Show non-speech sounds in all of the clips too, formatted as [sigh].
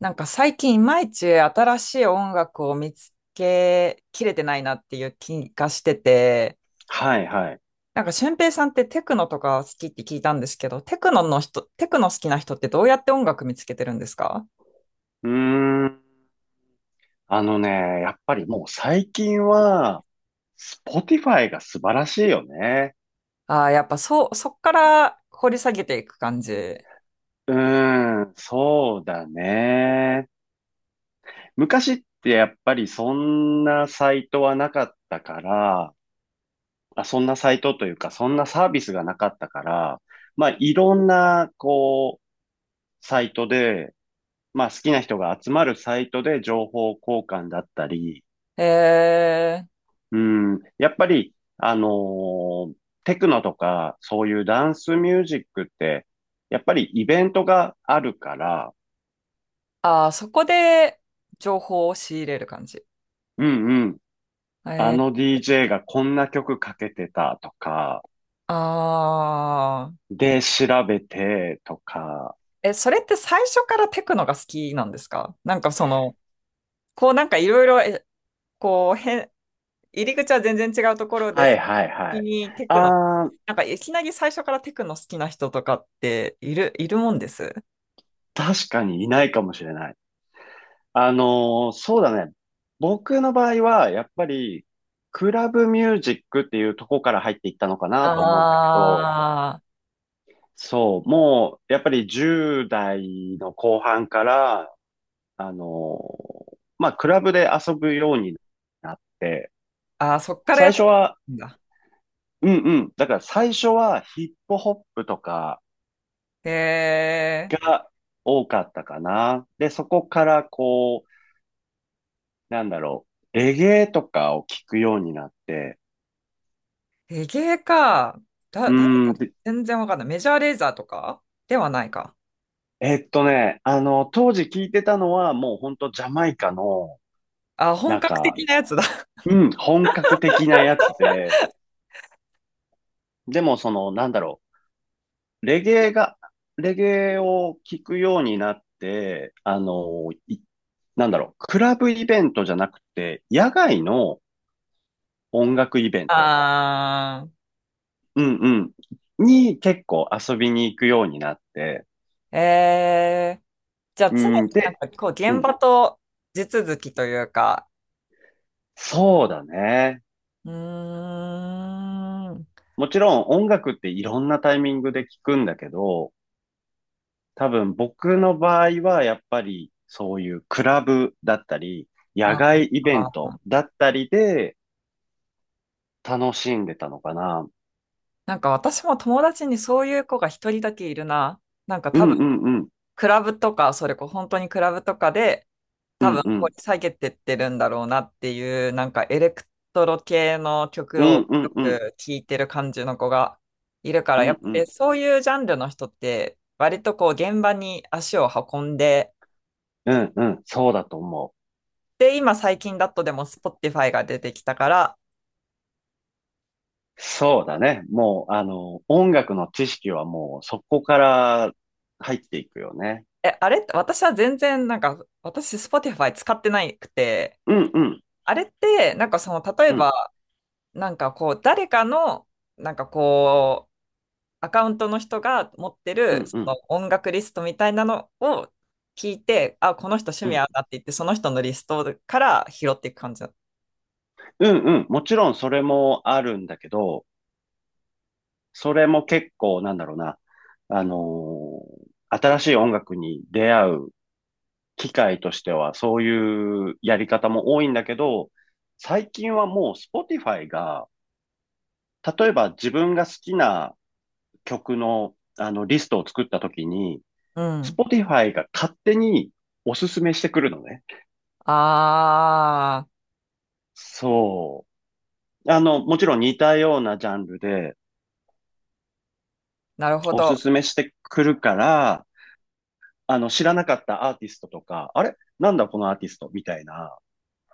最近いまいち新しい音楽を見つけきれてないなっていう気がしてて、はいはい。俊平さんってテクノとか好きって聞いたんですけど、テクノの人、テクノ好きな人ってどうやって音楽見つけてるんですか？うーん。あのね、やっぱりもう最近は、Spotify が素晴らしいよね。ああー、やっぱそう、そっから掘り下げていく感じ。そうだね。昔ってやっぱりそんなサイトはなかったから、あ、そんなサイトというか、そんなサービスがなかったから、まあいろんな、こう、サイトで、まあ好きな人が集まるサイトで情報交換だったり、えー、うん、やっぱり、テクノとか、そういうダンスミュージックって、やっぱりイベントがあるから、ああ、そこで情報を仕入れる感じ。うんうん、あえの ー、DJ がこんな曲かけてたとか、ああ、で、調べてとか、え、それって最初からテクノが好きなんですか？なんかその、こうなんかいろいろこう、へん、入り口は全然違うところで、はいはいは先い。にテクノ、あー、いきなり最初からテクノ好きな人とかっているもんです？確かにいないかもしれない。そうだね。僕の場合は、やっぱり、クラブミュージックっていうとこから入っていったのかなと思うんだけど、あそう、もう、やっぱり10代の後半から、あの、まあ、クラブで遊ぶようになって、あ、ああ、そっからや最っぱ初は、り、だ。うんうん、だから最初はヒップホップとかへえ、が多かったかな。で、そこからこう、なんだろレゲエとかを聞くようになって、レゲエか。だ、うだ、ん、で全然わかんない。メジャーレーザーとかではないか。当時聞いてたのはもうほんとジャマイカの、あ、本なん格か、的なやつだ。[laughs] うん、本格的なやつで、でも、その、う。レゲエが、レゲエを聞くようになって、クラブイベントじゃなくて、野外の音楽イベント。あうんうん。に結構遊びに行くようになって。あ、えー、じゃあう常にん。で、こうう現ん。場と地続きというか、そうだね。うーん、もちろん音楽っていろんなタイミングで聞くんだけど、多分僕の場合はやっぱりそういうクラブだったり、野あ外イベンあトだったりで、楽しんでたのかな。私も友達にそういう子が一人だけいるな。うん多分、うんうん。クラブとか、それこそ本当にクラブとかで、う多ん分う掘ん。り下げてってるんだろうなっていう、エレクトロ系のう曲をんうよんうん。く聴いてる感じの子がいるかうら、やっんぱうりん。そういうジャンルの人って、割とこう現場に足を運んで、うんうん。そうだと思で、今最近だとでも Spotify が出てきたから、う。そうだね。もう、あの、音楽の知識はもうそこから入っていくよね。え、あれ私は全然なんか、私 Spotify 使ってないくて、うんうん。あれって、例えうば、ん。誰かの、なんかこう、アカウントの人が持ってうる、んそうん。の音楽リストみたいなのを聞いて、あ、この人趣う味合ん。うなって言って、その人のリストから拾っていく感じだ。うんうん。もちろんそれもあるんだけど、それも結構なんだろうな。新しい音楽に出会う機械としてはそういうやり方も多いんだけど、最近はもう Spotify が、例えば自分が好きな曲のあのリストを作った時に、うん。Spotify が勝手におすすめしてくるのね。あー、そう。あの、もちろん似たようなジャンルでなるほおすど。すめしてくるから、あの、知らなかったアーティストとか、あれなんだこのアーティストみたいな。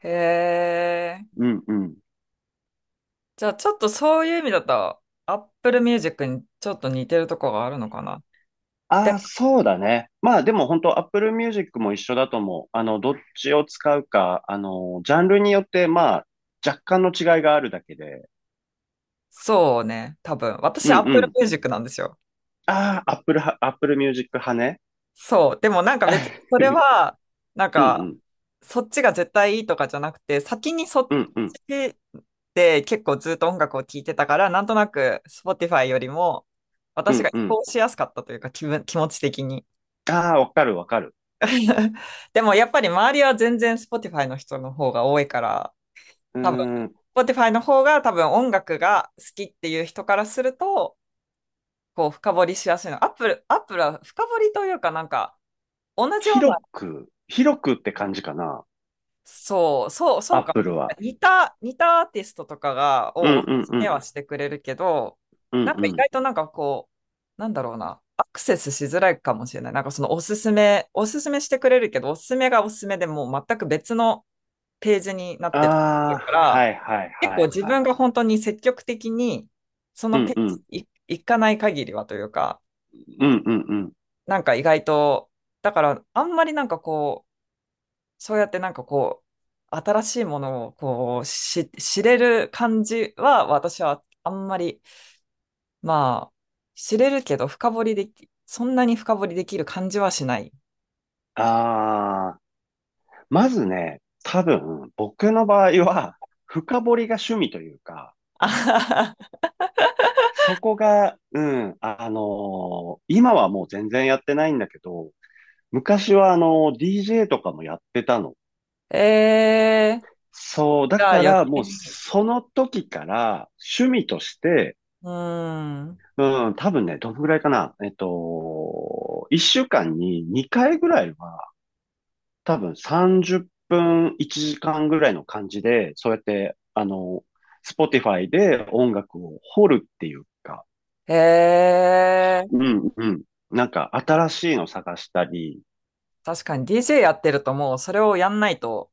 へえ。うんうん。じゃあ、ちょっとそういう意味だと、Apple Music にちょっと似てるとこがあるのかな。あで、あ、そうだね。まあでも本当 Apple Music も一緒だと思う。あの、どっちを使うか、あの、ジャンルによってまあ若干の違いがあるだけで。そうね、多分。う私、んう Apple ん。Music なんですよ。ああ、Apple は、Apple Music 派ね。そう。でも別にそ [laughs] れは、なんうんうか、ん。そっちが絶対いいとかじゃなくて、先にそっうんうん。ちで結構ずっと音楽を聴いてたから、なんとなく Spotify よりもう私がん移うん。行しやすかったというか、気持ち的に。ああ、わかるわかる。[laughs] でもやっぱり周りは全然 Spotify の人の方が多いから、う多分 ーん。Spotify の方が多分音楽が好きっていう人からすると、こう深掘りしやすいの。Apple は深掘りというか同じような広く、広くって感じかな。そうかも。Apple は。似たアーティストとかが、うんうをおすんすうめん。はしてくれるけど、うんなんかう意ん。外となんかこう、なんだろうな、アクセスしづらいかもしれない。おすすめしてくれるけど、おすすめがおすすめでもう全く別のページになっあてたりすあ、るかはら、いはい結は構い自は分い。が本当に積極的に、そうのペんーうジん。に行かない限りはというか、うんうんうん。なんか意外と、だからあんまりなんかこう、そうやってなんかこう、新しいものをこう、知れる感じは、私はあんまり、まあ、知れるけど深掘りでき、そんなに深掘りできる感じはしない。ああ。まずね、多分、僕の場合は、深掘りが趣味というか、[laughs] あははそこが、うん、今はもう全然やってないんだけど、昔はDJ とかもやってたの。えー、そう、だじゃあか余ら計もうに。その時から趣味として、うーん。うん、多分ね、どのぐらいかな、一週間に2回ぐらいは多分30分1時間ぐらいの感じで、そうやって、あの、Spotify で音楽を掘るっていうか、えうー、んうん。なんか新しいの探したり、確かに DJ やってるともうそれをやんないと、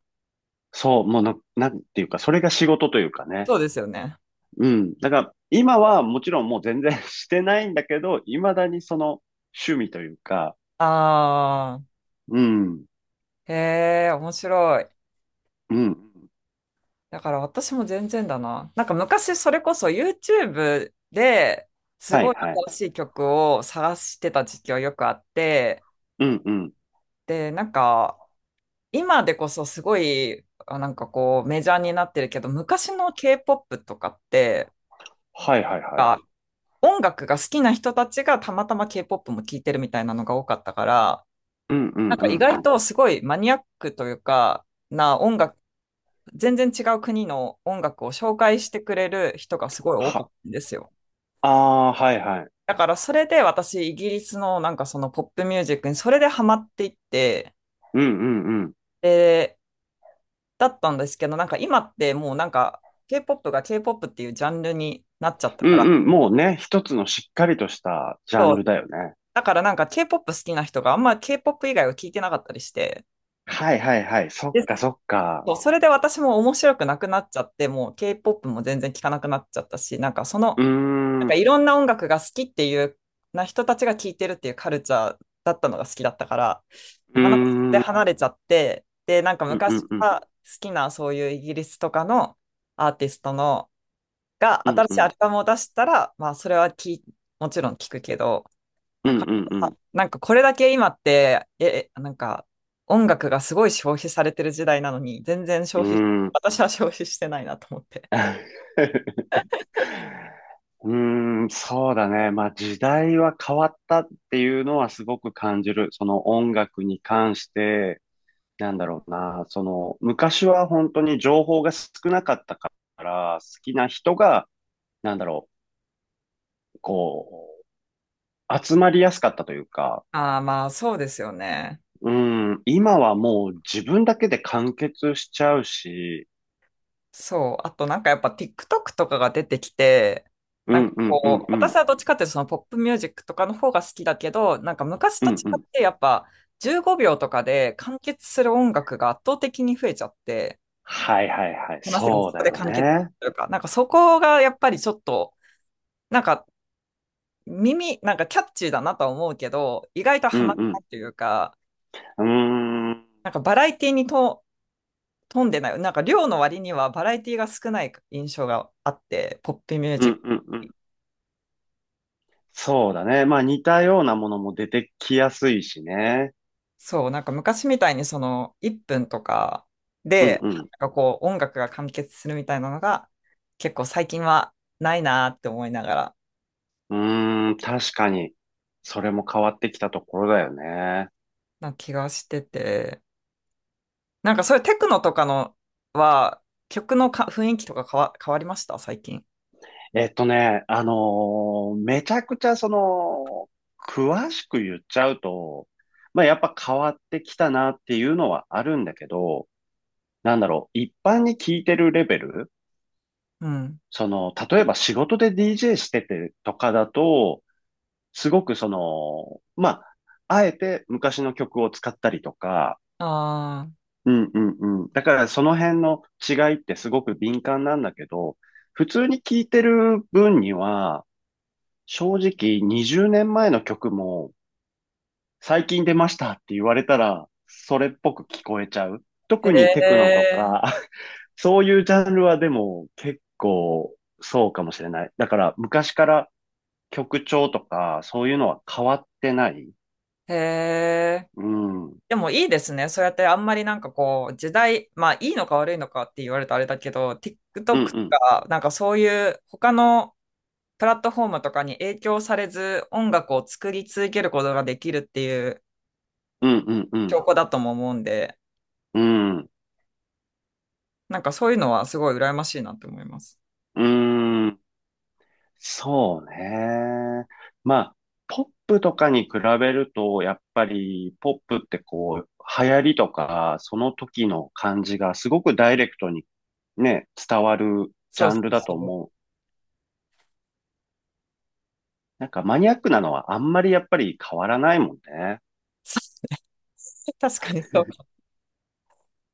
そう、もうな、なんていうか、それが仕事というかね。そうですよね。うん。だから、今はもちろんもう全然 [laughs] してないんだけど、未だにその趣味というか、あうん、ー、えー、面白い。うん。だから私も全然だな。昔それこそ YouTube ですはごいいはい。新しい曲を探してた時期はよくあって、うんうん。で、今でこそすごい、メジャーになってるけど、昔の K-POP とかってはいはいはい。音楽が好きな人たちがたまたま K-POP も聴いてるみたいなのが多かったから、うんうんう意ん。外とすごいマニアックというか、な音楽、全然違う国の音楽を紹介してくれる人がすごい多かっは、たんですよ。ああ、はいはい。だからそれで私、イギリスのポップミュージックにそれでハマっていって、うんうんで、だったんですけど、今ってもうなんか K-POP が K-POP っていうジャンルになっちゃったうかんら、うん。もうね、一つのしっかりとしたジャそンう、ルだよね。だからなんか K-POP 好きな人があんま K-POP 以外は聞いてなかったりして、はいはいはい。そっで、かそっか。そう、それで私も面白くなくなっちゃって、もう K-POP も全然聞かなくなっちゃったし、うーん。ういろんな音楽が好きっていうな人たちが聴いてるっていうカルチャーだったのが好きだったから、ーなかなかそん。れでうん離れちゃって、で、うん昔うかん。ら好きなそういうイギリスとかのアーティストのがうん新うしいアん。ルバムを出したら、まあそれはもちろん聴くけど、うなんかうなんか、これだけ今って、え、音楽がすごい消費されてる時代なのに、全然う消費、ん。うーん。私は消費してないなと思って。[laughs] うーん、そうだね。まあ時代は変わったっていうのはすごく感じる。その音楽に関して、なんだろうな。その昔は本当に情報が少なかったから、好きな人が、なんだろう、こ集まりやすかったというか、ああ、まあそうですよね。うん、今はもう自分だけで完結しちゃうし、そう。あとなんかやっぱ TikTok とかが出てきて、うんうんうんう私ん、はどっちかっていうとそのポップミュージックとかの方が好きだけど、なんか昔うと違んうっん。てやっぱ15秒とかで完結する音楽が圧倒的に増えちゃって、はいはいはい、話がそそうこだでよ完結ね。するか。そこがやっぱりちょっと、なんか耳、なんかキャッチーだなとは思うけど、意外とうハんマらうなん。いというか、うーん、バラエティに富んでない。なんか量の割にはバラエティが少ない印象があって、ポップミューうジック。んうんうん。そうだね。まあ似たようなものも出てきやすいしね。そう、なんか昔みたいにその1分とかうんで、うん。音楽が完結するみたいなのが結構最近はないなーって思いながらうーん、確かに。それも変わってきたところだよね。な気がしてて、なんかそういうテクノとかのは曲のか雰囲気とか変わりました最近？めちゃくちゃその、詳しく言っちゃうと、まあやっぱ変わってきたなっていうのはあるんだけど、なんだろう、一般に聞いてるレベル、うん。その、例えば仕事で DJ しててとかだと、すごくその、まあ、あえて昔の曲を使ったりとか、ああ、うんうんうん。だからその辺の違いってすごく敏感なんだけど、普通に聞いてる分には、正直20年前の曲も最近出ましたって言われたらそれっぽく聞こえちゃう。へ特にテクノとえ、か [laughs] そういうジャンルはでも結構そうかもしれない。だから昔から曲調とかそういうのは変わってない。へえ。うん。うんでもいいですね。そうやってあんまりなんかこう時代、まあいいのか悪いのかって言われたらあれだけど、TikTok とうん。かなんかそういう他のプラットフォームとかに影響されず音楽を作り続けることができるっていううんうんうん。証拠だとも思うんで、うん。なんかそういうのはすごい羨ましいなと思います。うん。そうね。まあ、ポップとかに比べると、やっぱりポップってこう、流行りとか、その時の感じがすごくダイレクトにね、伝わるジそうャそンルだとう。思う。なんかマニアックなのはあんまりやっぱり変わらないもんね。[laughs] 確かにそうか。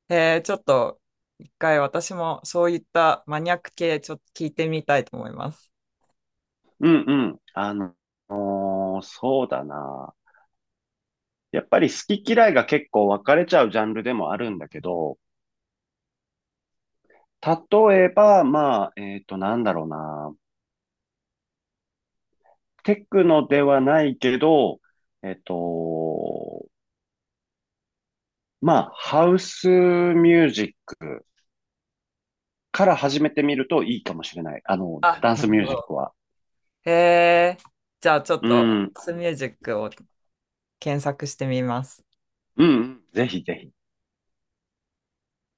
えー、ちょっと一回私もそういったマニアック系ちょっと聞いてみたいと思います。うんうん。あの、そうだな。やっぱり好き嫌いが結構分かれちゃうジャンルでもあるんだけど、例えば、まあ、なんだろうな。テクノではないけど、えっと、まあ、ハウスミュージックから始めてみるといいかもしれない。あの、あ、ダンなスるミュほージッど。クは。えー、じゃあちょっうとん、うん、スミュージックを検索してみます。うんぜひぜひ。